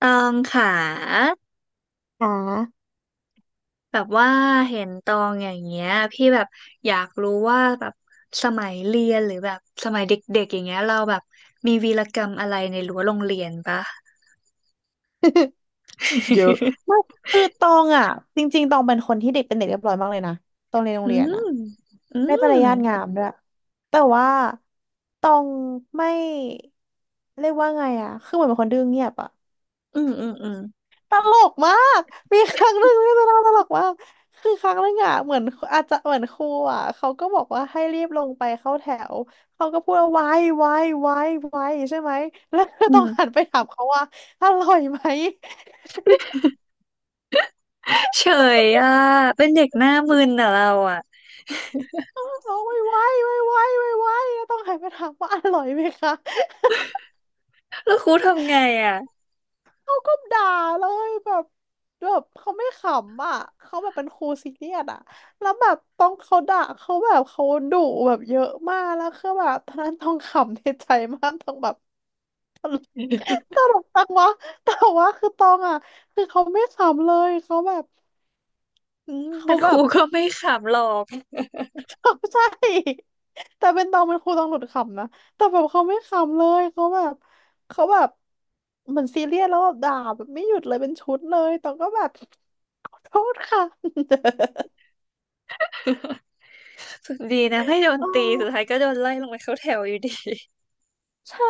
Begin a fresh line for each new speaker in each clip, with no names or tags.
ตองค่ะ
ค่ะ
แบบว่าเห็นตองอย่างเงี้ยพี่แบบอยากรู้ว่าแบบสมัยเรียนหรือแบบสมัยเด็กๆอย่างเงี้ยเราแบบมีวีรกรรมอะไรในรั้วโรงเรียนปะ
เยอะคือตองอ่ะจริงๆตองเป็นคนที่เด็กเป็นเด็กเรียบร้อยมากเลยนะตองเรียนโร ง
อื
เรียนอ่ะ
มอื
ได้ปริ
ม
ญญาตงามด้วยแต่ว่าตองไม่เรียกว่าไงอ่ะคือเหมือนเป็นคนดื้อเงียบอ่ะ
อืมอืมอืม
ตลกมากมีครั้งหนึ่งที่จะเล่าตลกมากคือครั้งหนึ่งอ่ะเหมือนอาจจะเหมือนครูอ่ะเขาก็บอกว่าให้รีบลงไปเข้าแถวเขาก็พูดว่าไว้ไว้ไว้ไว้ใช่ไหมแล้ว ก็
อื
ต้องหัน
ม
ไปถามเขาว่าอร่อยไหม
เฉยอ่ะเป็นเด็กหน้ามึนอ่ะเราอ่ะ
เอาไว้ไว้ไว้ไว้ไว้ไว้แล้วต้องหันไปถามว่าอร่อยไหมคะ
แล้วครูทำไงอ่ะ
เขาก็ด่าเลยแบบแบบเขาไม่ขำอ่ะเขาแบบเป็นครูซีเรียสอ่ะแล้วแบบต้องเขาด่าเขาแบบเขาดุแบบเยอะมากแล้วคือแบบตอนนั้นต้องขำในใจมากต้องแบบ ตลกจังวะแต่ว่าคือตองอ่ะคือเขาไม่ขำเลยเขาแบบ
อืมเป็
เขา
นค
แบ
รู
บ
ก็ไม่ขำหรอก
ใช่แต่เป็นตองเป็นครูตองหลุดขำนะแต่แบบเขาไม่ขำเลยเขาแบบเหมือนซีเรียสแล้วแบบด่าแบบไม่หยุดเลยเป็นชุดเลยตองก็แบบขอโทษค่ะ
สุดดีนะไม่โดน
เอ
ตีสุดท้า
อ
ยก็โดนไล่ลงไปเข้าแถวอยู่ดี
ใช่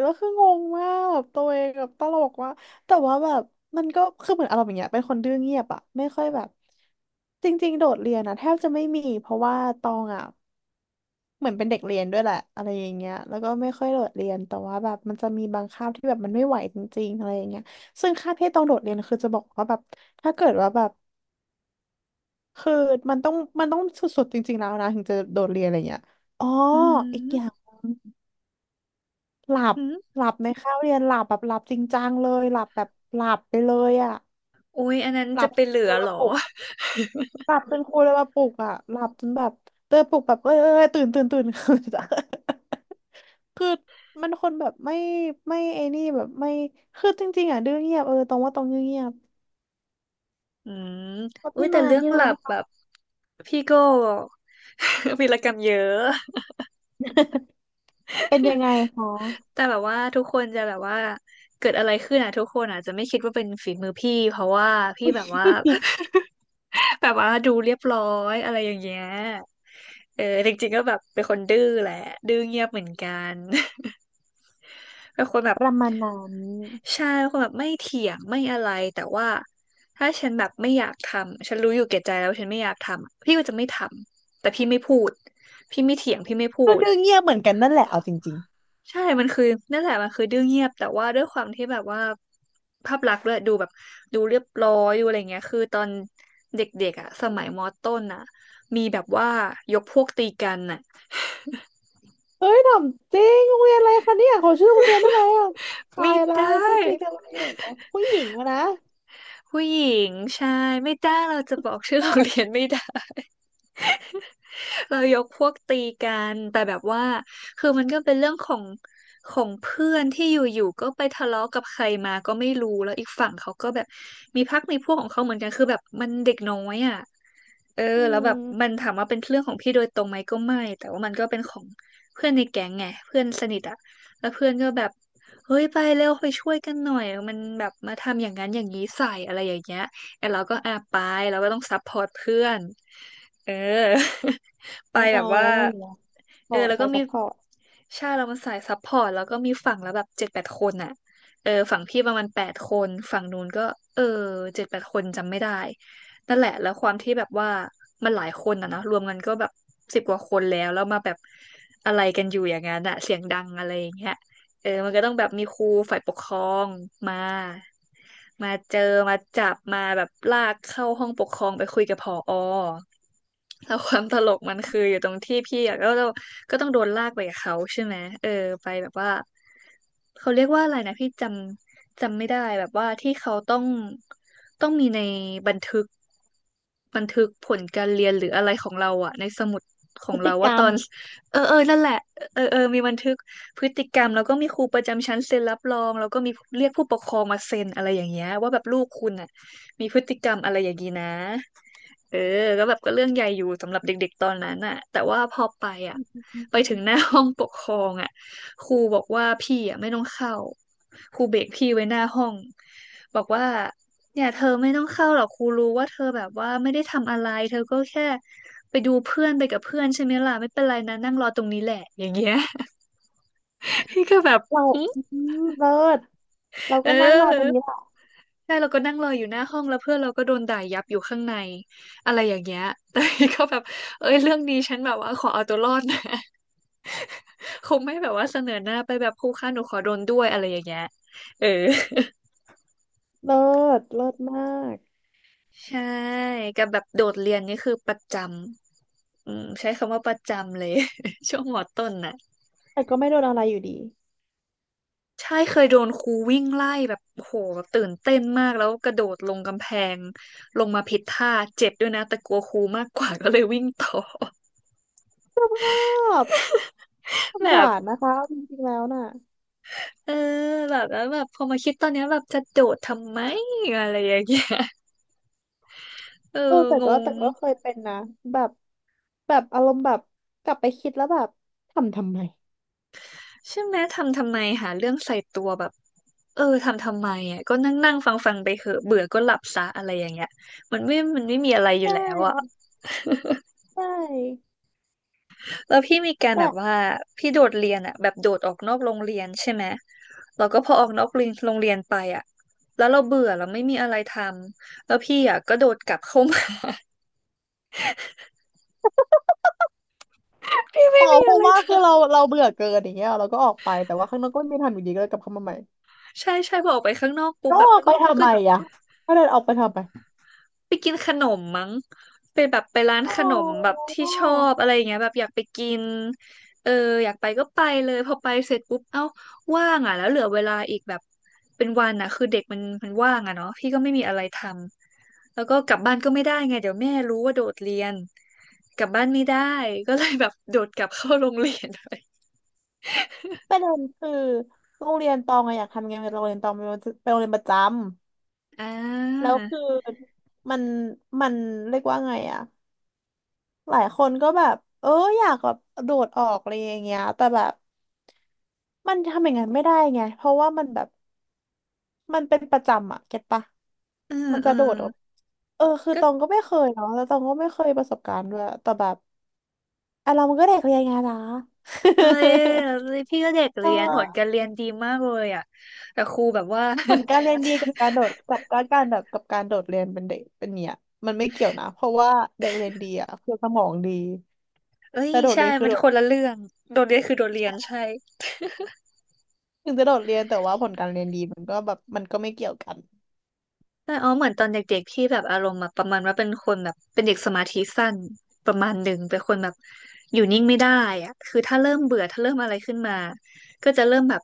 แล้วคืองงมากแบบตัวเองแบบตลกว่ากแต่ว่าแบบมันก็คือเหมือนอารมณ์อย่างเงี้ยเป็นคนดื้อเงียบอะไม่ค่อยแบบจริงๆโดดเรียนนะแทบจะไม่มีเพราะว่าตองอะ เหมือนเป็นเด็กเรียนด้วยแหละอะไรอย่างเงี้ยแล้วก็ไม่ค่อยโดดเรียนแต่ว่าแบบมันจะมีบางคาบที่แบบมันไม่ไหวจริงๆอะไรอย่างเงี้ยซึ่งคาบที่ต้องโดดเรียนคือจะบอกว่าแบบถ้าเกิดว่าแบบคือมันต้องมันต้องสุดๆจริงๆแล้วนะถึงจะโดดเรียนอะไรเงี้ยอ๋อ
อ
อีกอ
ื
ย่างหลับ
ม
หลับในคาบเรียนหลับแบบหลับจริงจังเลยหลับแบบหลับไปเลยอะ
อุ๊ยอันนั้น
ห
จะ
ลับ
ไปเหลื
จ
อ
น
เหร
มา
อ
ปลุก หลับจนครูเลยมาปลุกอ่ะหลับจนแบบเตยปลุกแบบเอ้ยเอ้ยเอ้ยตื่นตื่นตื่น คือมันคนแบบไม่ไม่ไอ้นี่แบบไม่คือจริงๆอ่ะดื้อเงียบเออตรงว่าตรงดื้อเงียบ
อืม
แล้ว
อุ๊ย
พี่
แต่
มาย
เรื่อง
พี่
ห
มา
ลั
ย
บ
พี่
แบ
มา
บ
ย
พี่โก้ วีรกรรมเยอะ
เป็นยังไงคะ
แต่แบบว่าทุกคนจะแบบว่าเกิดอะไรขึ้นอ่ะทุกคนอาจจะไม่คิดว่าเป็นฝีมือพี่เพราะว่าพี่แบบว่า แบบว่าดูเรียบร้อยอะไรอย่างเงี้ยเออจริงๆก็แบบเป็นคนดื้อแหละดื้อเงียบเหมือนกัน เป็นคนแบบ
ประมาณนั้น
ใช่เป็นคนแบบไม่เถียงไม่อะไรแต่ว่าถ้าฉันแบบไม่อยากทำฉันรู้อยู่แก่ใจแล้ววาฉันไม่อยากทำพี่ก็จะไม่ทำแต่พี่ไม่พูดพี่ไม่เถียงพี่ไม่พู
ก็
ด
ดื้อเงียบเหมือนกันนั่นแหละเอาจริง
ใช่มันคือนั่นแหละมันคือดื้อเงียบแต่ว่าด้วยความที่แบบว่าภาพลักษณ์ด้วยดูแบบดูเรียบร้อยดูอะไรเงี้ยคือตอนเด็กๆอ่ะสมัยมอต้นอ่ะมีแบบว่ายกพวกตีกันอ่ะ
ๆเฮ้ยถามจริงโรงเรียนอะไรคะเนี่ยขอชื่อโรงเรียนได้ไหมอ่ะตา
ไม่
ยละ
ได้
ไอ้พวกตีกันอะไรอ่ะอ๋อผู้หญิงอะนะ
ผู้หญิงใช่ไม่ได้เราจะบอกชื่อ
ก
โร
อ
งเรี
ด
ยนไม่ได้ เรายกพวกตีกันแต่แบบว่าคือมันก็เป็นเรื่องของของเพื่อนที่อยู่ๆก็ไปทะเลาะกับใครมาก็ไม่รู้แล้วอีกฝั่งเขาก็แบบมีพรรคมีพวกของเขาเหมือนกันคือแบบมันเด็กน้อยอ่ะเออ
อื
แล้วแบบมัน
ม
ถามว่าเป็นเรื่องของพี่โดยตรงไหมก็ไม่แต่ว่ามันก็เป็นของเพื่อนในแก๊งไงเพื่อนสนิทอ่ะแล้วเพื่อนก็แบบเฮ้ยไปเร็วไปช่วยกันหน่อยมันแบบมาทำอย่างนั้นอย่างนี้ใส่อะไรอย่างเงี้ย ไอ้เราก็อ่ะไปเราก็ต้องซัพพอร์ตเพื่อนเออ ไป
แน่น
แบ
อ
บ
น
ว่า
แล้วนรนอยู่แล้วบ
เอ
อ
อ
ด
แล้ว
สา
ก็
ยซั
มี
พพอร์ต
ใช่เรามันสายซัพพอร์ตแล้วก็มีฝั่งแล้วแบบเจ็ดแปดคนอ่ะเออฝั่งพี่ประมาณแปดคนฝั่งนู้นก็เออเจ็ดแปดคนจำไม่ได้นั่นแหละแล้วความที่แบบว่ามันหลายคนอ่ะนะรวมกันก็แบบสิบกว่าคนแล้วแล้วมาแบบอะไรกันอยู่อย่างนั้นอะเสียงดังอะไรอย่างเงี้ย เออมันก็ต้องแบบมีครูฝ่ายปกครองมามาเจอ มาจับมาแบบลากเข้าห้องปกครองไปคุยกับผอแล้วความตลกมันคืออยู่ตรงที่พี่อะก็ต้องโดนลากไปกับเขาใช่ไหมเออไปแบบว่าเขาเรียกว่าอะไรนะพี่จำไม่ได้แบบว่าที่เขาต้องมีในบันทึกบันทึกผลการเรียนหรืออะไรของเราอะในสมุดข
พ
อง
ฤ
เรา
ติกร
ว่า
ร
ต
ม
อนเออเออนั่นแหละเออเออมีบันทึก พฤติกรรมแล้วก็มีครูประจำชั้นเซ็นรับรองแล้วก็มีเรียกผู้ปกครองมาเซ็นอะไรอย่างเงี้ยว่าแบบลูกคุณอ่ะมีพฤติกรรมอะไรอย่างงี้นะเออก็แบบก็เรื่องใหญ่อยู่สำหรับเด็กๆตอนนั้นอ่ะแต่ว่าพอไปอ่ะไปถึงหน้าห้องปกครองอ่ะครูบอกว่าพี่อ่ะไม่ต้องเข้าครูเบรกพี่ไว้หน้าห้องบอกว่าเนี่ยเธอไม่ต้องเข้าหรอกครูรู้ว่าเธอแบบว่าไม่ได้ทำอะไรเธอก็แค่ไปดูเพื่อนไปกับเพื่อนใช่ไหมล่ะไม่เป็นไรนะนั่งรอตรงนี้แหละอย่างเงี้ย พี่ก็แบบ
เรา
หึ
อืมเลิศเรา
เ
ก็นั่งรอตรงนี้
ออ
แหละ
ใช่เราก็นั่งรออยู่หน้าห้องแล้วเพื่อนเราก็โดนด่ายับอยู่ข้างในอะไรอย่างเงี้ยแต่พี่ก็แบบเอ้ยเรื่องนี้ฉันแบบว่าขอเอาตัวรอดนะ คงไม่แบบว่าเสนอหน้าไปแบบครูคะหนูขอโดนด้วยอะไรอย่างเงี้ยเออ
เลิศเลิศมาก
ใช่กับแบบโดดเรียนนี่คือประจำอืมใช้คำว่าประจำเลย ช่วงมอต้นน่ะ
แต่ก็ไม่โดนอะไรอยู่ดี
ใช่เคยโดนครูวิ่งไล่แบบโหแบบตื่นเต้นมากแล้วกระโดดลงกำแพงลงมาผิดท่าเจ็บด้วยนะแต่กลัวครูมากกว่าก็เลยวิ่งต่อ
ชอบสง
แบ
สาร
บ
นะคะจริงๆแล้วน่ะ
เออแบบแล้วแบบพอมาคิดตอนเนี้ยแบบจะโดดทำไมอะไรอย่างเงี้ย เออ
เออแต่
ง
ก็แต่
ง
ก็เคยเป็นนะแบบแบบอารมณ์แบบกลับไปคิดแล้วแบบทำทำไม
ใช่ไหมทำทำไมหาเรื่องใส่ตัวแบบเออทำทำไมอ่ะก็นั่งนั่งฟังฟังไปเหอะเบื่อก็หลับซะอะไรอย่างเงี้ยมันไม่มีอะไรอ
ใช
ยู่แล้วอ่ะ
่ใช่
แล้วพี่มีการ
แบ
แบบ
บ
ว่าพี่โดดเรียนอะแบบโดดออกนอกโรงเรียนใช่ไหมแล้วก็พอออกนอกเรียนโรงเรียนไปอะแล้วเราเบื่อเราไม่มีอะไรทำแล้วพี่อะก็โดดกลับเข้ามา พี่
อ๋
ไม่
อ
มี
เพ
อะ
ราะ
ไร
ว่า
ท
คือเราเบื่อเกินอย่างเงี้ยเราก็ออกไปแต่ว่าข้างนอกก็ไม่ทำอยู่ดีก็เลยกลับเข้ามาใหม่
ำใช่ใช่พอออกไปข้างนอกปุ๊บ
ก็
แบบ
ออก
ก็
ไปทำ
ก็
ไมอ่ะก็เลยออกไปทำไม
ไปกินขนมมั้งไปแบบไปร้าน
อ๋อ
ขนมแบบที่ชอบอะไรอย่างเงี้ยแบบอยากไปกินเอออยากไปก็ไปเลยพอไปเสร็จปุ๊บเอ้าว่างอ่ะแล้วเหลือเวลาอีกแบบเป็นวันอ่ะคือเด็กมันว่างอ่ะเนาะพี่ก็ไม่มีอะไรทำ แล้วก็กลับบ้านก็ไม่ได้ไงเดี๋ยวแม่รู้ว่าโดดเรียนกลับบ้านไม่ได้ก็เลยแบบโดดกลับเข้าโรงเรียนไป
ประเด็นคือโรงเรียนตองอะอยากทำงานกับโรงเรียนตองเป็นเป็นโรงเรียนประจำ
อ่
แล้
า
วคือมันมันเรียกว่าไงอะหลายคนก็แบบเอออยากแบบโดดออกอะไรอย่างเงี้ยแต่แบบมันทำอย่างนั้นไม่ได้ไงเพราะว่ามันแบบมันเป็นประจำอะเก็ตปะ
อืม
มัน
อื
จะโด
ม
ดออกเออคือ
ก็
ตองก็ไม่เคยเนาะแล้วตองก็ไม่เคยประสบการณ์ด้วยแต่แบบอ่ะเรามันก็เด็กเรียนไงล่ะ
เอ้ย พี่ก็เด็ก
เ
เรียนผลกา
ออ
รเรียนดีมากเลยอ่ะแต่ครูแบบว่า
ผลการเรียนดีกับการโดดกับการแบบกับการโดดเรียนเป็นเด็กเป็นเนี่ยมันไม่เกี่ยวนะเพราะว่าเด็กเรียนดีอ่ะคือสมองดี
เอ้ย
แต่โดด
ใช่
เรียนคือ
มัน
โด
ค
ด
นละเรื่องโดดเรียนคือโดดเรียนใช่
ถึงจะโดดเรียนแต่ว่าผลการเรียนดีมันก็แบบมันก็ไม่เกี่ยวกัน
แต่อ๋อเหมือนตอนเด็กๆที่แบบอารมณ์แบบประมาณว่าเป็นคนแบบเป็นเด็กสมาธิสั้นประมาณหนึ่งเป็นคนแบบอยู่นิ่งไม่ได้อะคือถ้าเริ่มเบื่อถ้าเริ่มอะไรขึ้นมาก็จะเริ่มแบบ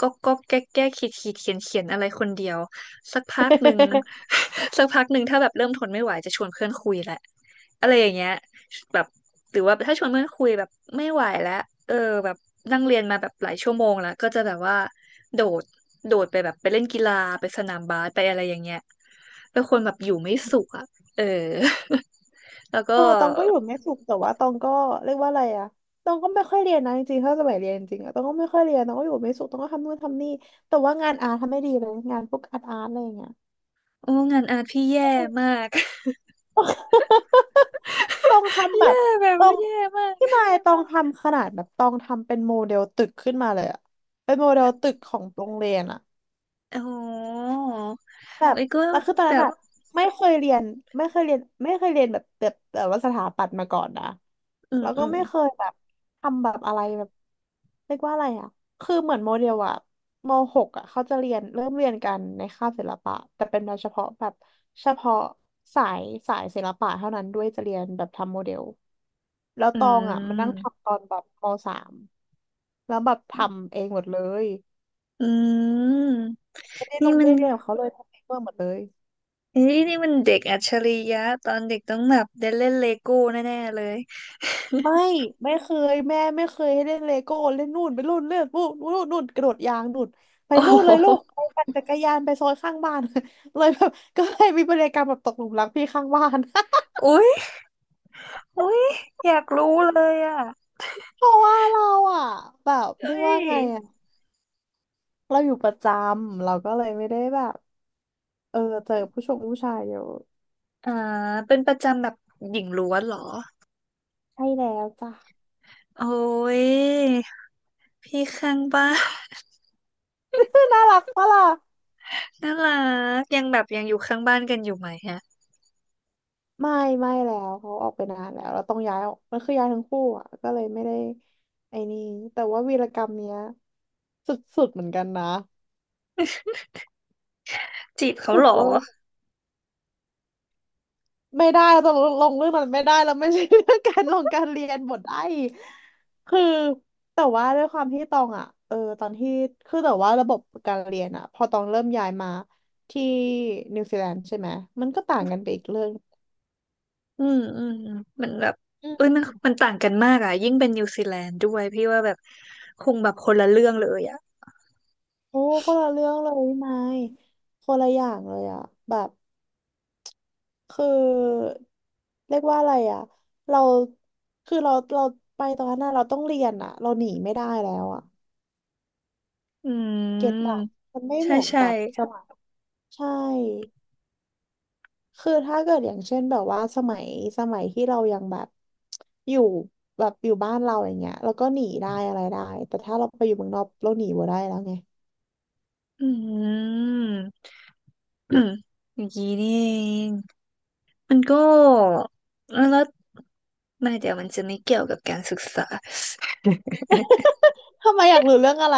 ก็แก้แก้ขีดขีดเขียนเขียนอะไรคนเดียวสักพักหนึ่ง สักพักหนึ่งถ้าแบบเริ่มทนไม่ไหวจะชวนเพื่อนคุยแหละอะไรอย่างเงี้ยแบบ หรือว่าถ้าชวนเพื่อนคุยแบบไม่ไหวแล้วเออแบบนั่งเรียนมาแบบหลายชั่วโมงแล้วก็จะแบบว่าโดดโดดไปแบบไปเล่นกีฬาไปสนามบาสไปอะไรอย่างเงี้ยเป็นคนแบบอยู่ไม่สุขอ่ะเออ แล้วก็
เออตองก็อยู่ไม่สุขแต่ว่าตองก็เรียกว่าอะไรอ่ะตองก็ไม่ค่อยเรียนนะจริงๆถ้าสมัยเรียนจริงอะตองก็ไม่ค่อยเรียนตองก็อยู่ไม่สุขตองก็ทำนู่นทำนี่แต่ว่างานอาร์ทำไม่ดีเลยงานพวกอาร์ตอาร์ตอะไรอย่างเงี้ย
โอ้งานอาร์ตพี่แย่มาก
ต้อง ทำแบบ
แย่แบบ
ต้อง
แย่มาก
พี่มายต้องทำขนาดแบบต้องทำเป็นโมเดลตึกขึ้นมาเลยอะเป็นโมเดลตึกของโรงเรียนอะ
อ๋อ
แบบ
เอ้ยก็
แล้วคือตอน
แบ
นั้น
บ
อะไม่เคยเรียนไม่เคยเรียนไม่เคยเรียนแบบว่าสถาปัตย์มาก่อนนะ
อืม
แล้ว
อื
ก็
ม
ไม่เคยแบบทำแบบอะไรแบบเรียกว่าอะไรอะคือเหมือนโมเดลอะมหกอะเขาจะเริ่มเรียนกันในคาบศิลปะแต่เป็นเฉพาะแบบเฉพาะสายสายศิลปะเท่านั้นด้วยจะเรียนแบบทำโมเดลแล้ว
อื
ตองอะมันนั่ง
ม
ทำตอนแบบมสามแล้วแบบทำเองหมดเลย
อืม
ไม่ได้ล
นี่
ง
มั
ไม่
น
ได้เรียนกับเขาเลยทำเองหมดเลย
เฮ้ยนี่มันเด็กอัจฉริยะตอนเด็กต้องแบบได้เล่นเลโก้แน่ๆเลย
ไม่ไม่เคยแม่ไม่เคยให้เล่นเลโก้เล่นนู่นไปนู่นเล่นนู่นกระโดดยางนู่นไป
โอ้
นู่นเลยลูก
โห
ไปปั่นจักรยานไปซอยข้างบ้าน เลยแบบก็เลยมีพฤติกรรมแบบตกหลุมรักพี่ข้างบ้าน
อุ๊ยอุ๊ยอยากรู้เลยอ่ะ
เพราะว่าเราอ่ะแบบ
เอ้
เรียกว่า
ย
ไงอ่ะเราอยู่ประจำเราก็เลยไม่ได้แบบเออเจอผู้ชายเยอะ
อ่าเป็นประจำแบบหญิงล้วนเหรอ
ใช่แล้วจ้ะ
โอ้ยพี่ข้างบ้าน
น่ารักปะล่ะ
น่ารักยังแบบยังอยู่ข้างบ้านกันอยู่ไหมฮะ
ไม่ไม่แล้วเขาออกไปนานแล้วเราต้องย้ายออกมันคือย้ายทั้งคู่อ่ะก็เลยไม่ได้ไอ้นี่แต่ว่าวีรกรรมเนี้ยสุดๆเหมือนกันนะ
จีบเขา
สุ
เหร
ด
อ
เวอร์ไม่ได้เราจะลงเรื่องนั้นไม่ได้เราไม่ใช่เรื่องการลงการเรียนหมดไอ้คือแต่ว่าด้วยความที่ตองอ่ะเออตอนที่คือแต่ว่าระบบการเรียนอ่ะพอตองเริ่มย้ายมาที่นิวซีแลนด์ใช่ไหมมันก็ต่างกันไปอีกเรื่อง
อืมอืมอืมมันแบบ
อื
เอ้ยมัน
ม
มันต่างกันมากอ่ะยิ่งเป็นนิวซีแลนด์ด้วยพี่ว่าแบบคงแบบคนละเรื่องเลยอ่ะ
โอ้คนละเรื่องเลยนายคนละอย่างเลยอ่ะแบบ คือเรียกว่าอะไรอ่ะเราคือเราไปตอนนั้นน่ะเราต้องเรียนอ่ะเราหนีไม่ได้แล้วอ่ะ
อื
เก็ตอ่ะ
ม
มันไม่เห
ใช่
มือน
ใช่
กับสมัยใช่คือถ้าเกิดอย่างเช่นแบบว่าสมัยที่เรายังแบบอยู่แบบอยู่บ้านเราอย่างเงี้ยเราก็หนีได้อะไรได้แต่ถ้าเราไปอยู่เมืองนอกเราหนีบ่ได้แล้วไง
อืม อย่างนี้นี่เองมันก็แล้วไม่เดี๋ยวมันจะไม่เกี่ยวกับการศึกษา
ทำไมอยากรู้เรื่องอะไร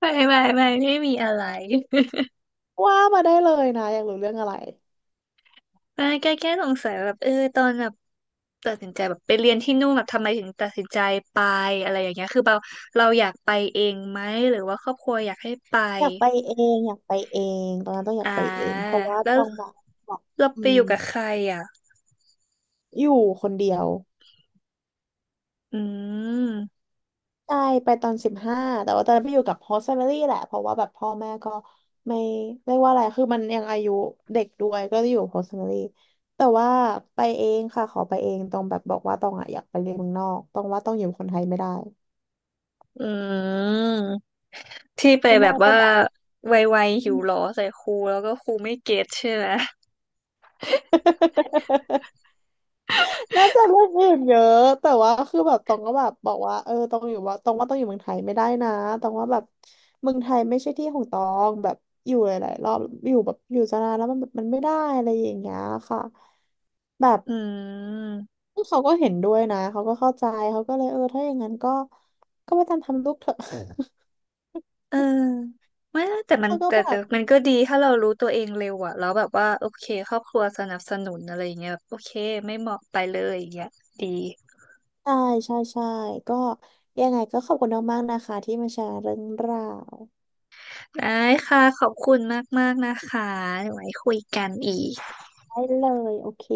ไม่ไม่ไม่ไม่มีอะไร
ว่ามาได้เลยนะอยากรู้เรื่องอะไร
ไม่แค่สงสัยแบบเออตอนแบบตัดสินใจแบบไปเรียนที่นู่นแบบทำไมถึงตัดสินใจไปอะไรอย่างเงี้ยคือเราอยากไปเองไหมหรือว่าครอบครัวอยากให้ไป
อยากไปเองตอนนั้นต้องอยา
อ่า
กไปเองเพราะว่า
แล้ว
ต้องแบบบอก
เรา
อื
ไปอ
ม
ยู่กับใครอ่ะ
อยู่คนเดียว
อืม
ใช่ไปตอน15แต่ว่าตอนนั้นไปอยู่กับโฮสต์แมลี่แหละเพราะว่าแบบพ่อแม่ก็ไม่เรียกว่าอะไรคือมันยังอายุเด็กด้วยก็อยู่โฮสต์แลี่แต่ว่าไปเองค่ะขอไปเองต้องแบบบอกว่าต้องอะอยากไปเรียนเมืองนอกต้องว่าต้องอยู่คนไทยไม่ได้
อืม ที่ไป
พ่อ
แบ
แม่
บ
ก็
ว่า
แบบ
ไวๆหิวหรอใส่ครูแล้วก็ครูไม่เก็ตใช่ไหม
น่าจะเรื่องอื่นเยอะแต่ว่าคือแบบตองก็แบบบอกว่าเออตองอยู่ว่าตองว่าตองอยู่เมืองไทยไม่ได้นะตองว่าแบบเมืองไทยไม่ใช่ที่ของตองแบบอยู่หลายๆรอบอยู่แบบอยู่จะนานแล้วมันแบบมันไม่ได้อะไรอย่างเงี้ยค่ะแบบ
อืม
เขาก็เห็นด้วยนะเขาก็เข้าใจเขาก็เลยเออถ้าอย่างนั้นก็ไปตามทำลูกเถอะ
เออไม่นะแต่ มัน
เขาก็
แต่
แบ
แต่
บ
มันก็ดีถ้าเรารู้ตัวเองเร็วอะแล้วแบบว่าโอเคครอบครัวสนับสนุนอะไรอย่างเงี้ยแบบโอเคไม่เหมาะไปเลยอย่างเงี้ยดี
ใช่ใช่ใช่ก็ยังไงก็ขอบคุณมากๆนะคะที่มาแชร์เรื่องราว
ได้ค่ะขอบคุณมากๆนะคะเดี๋ยวไว้คุยกันอีก
ได้เลยโอเค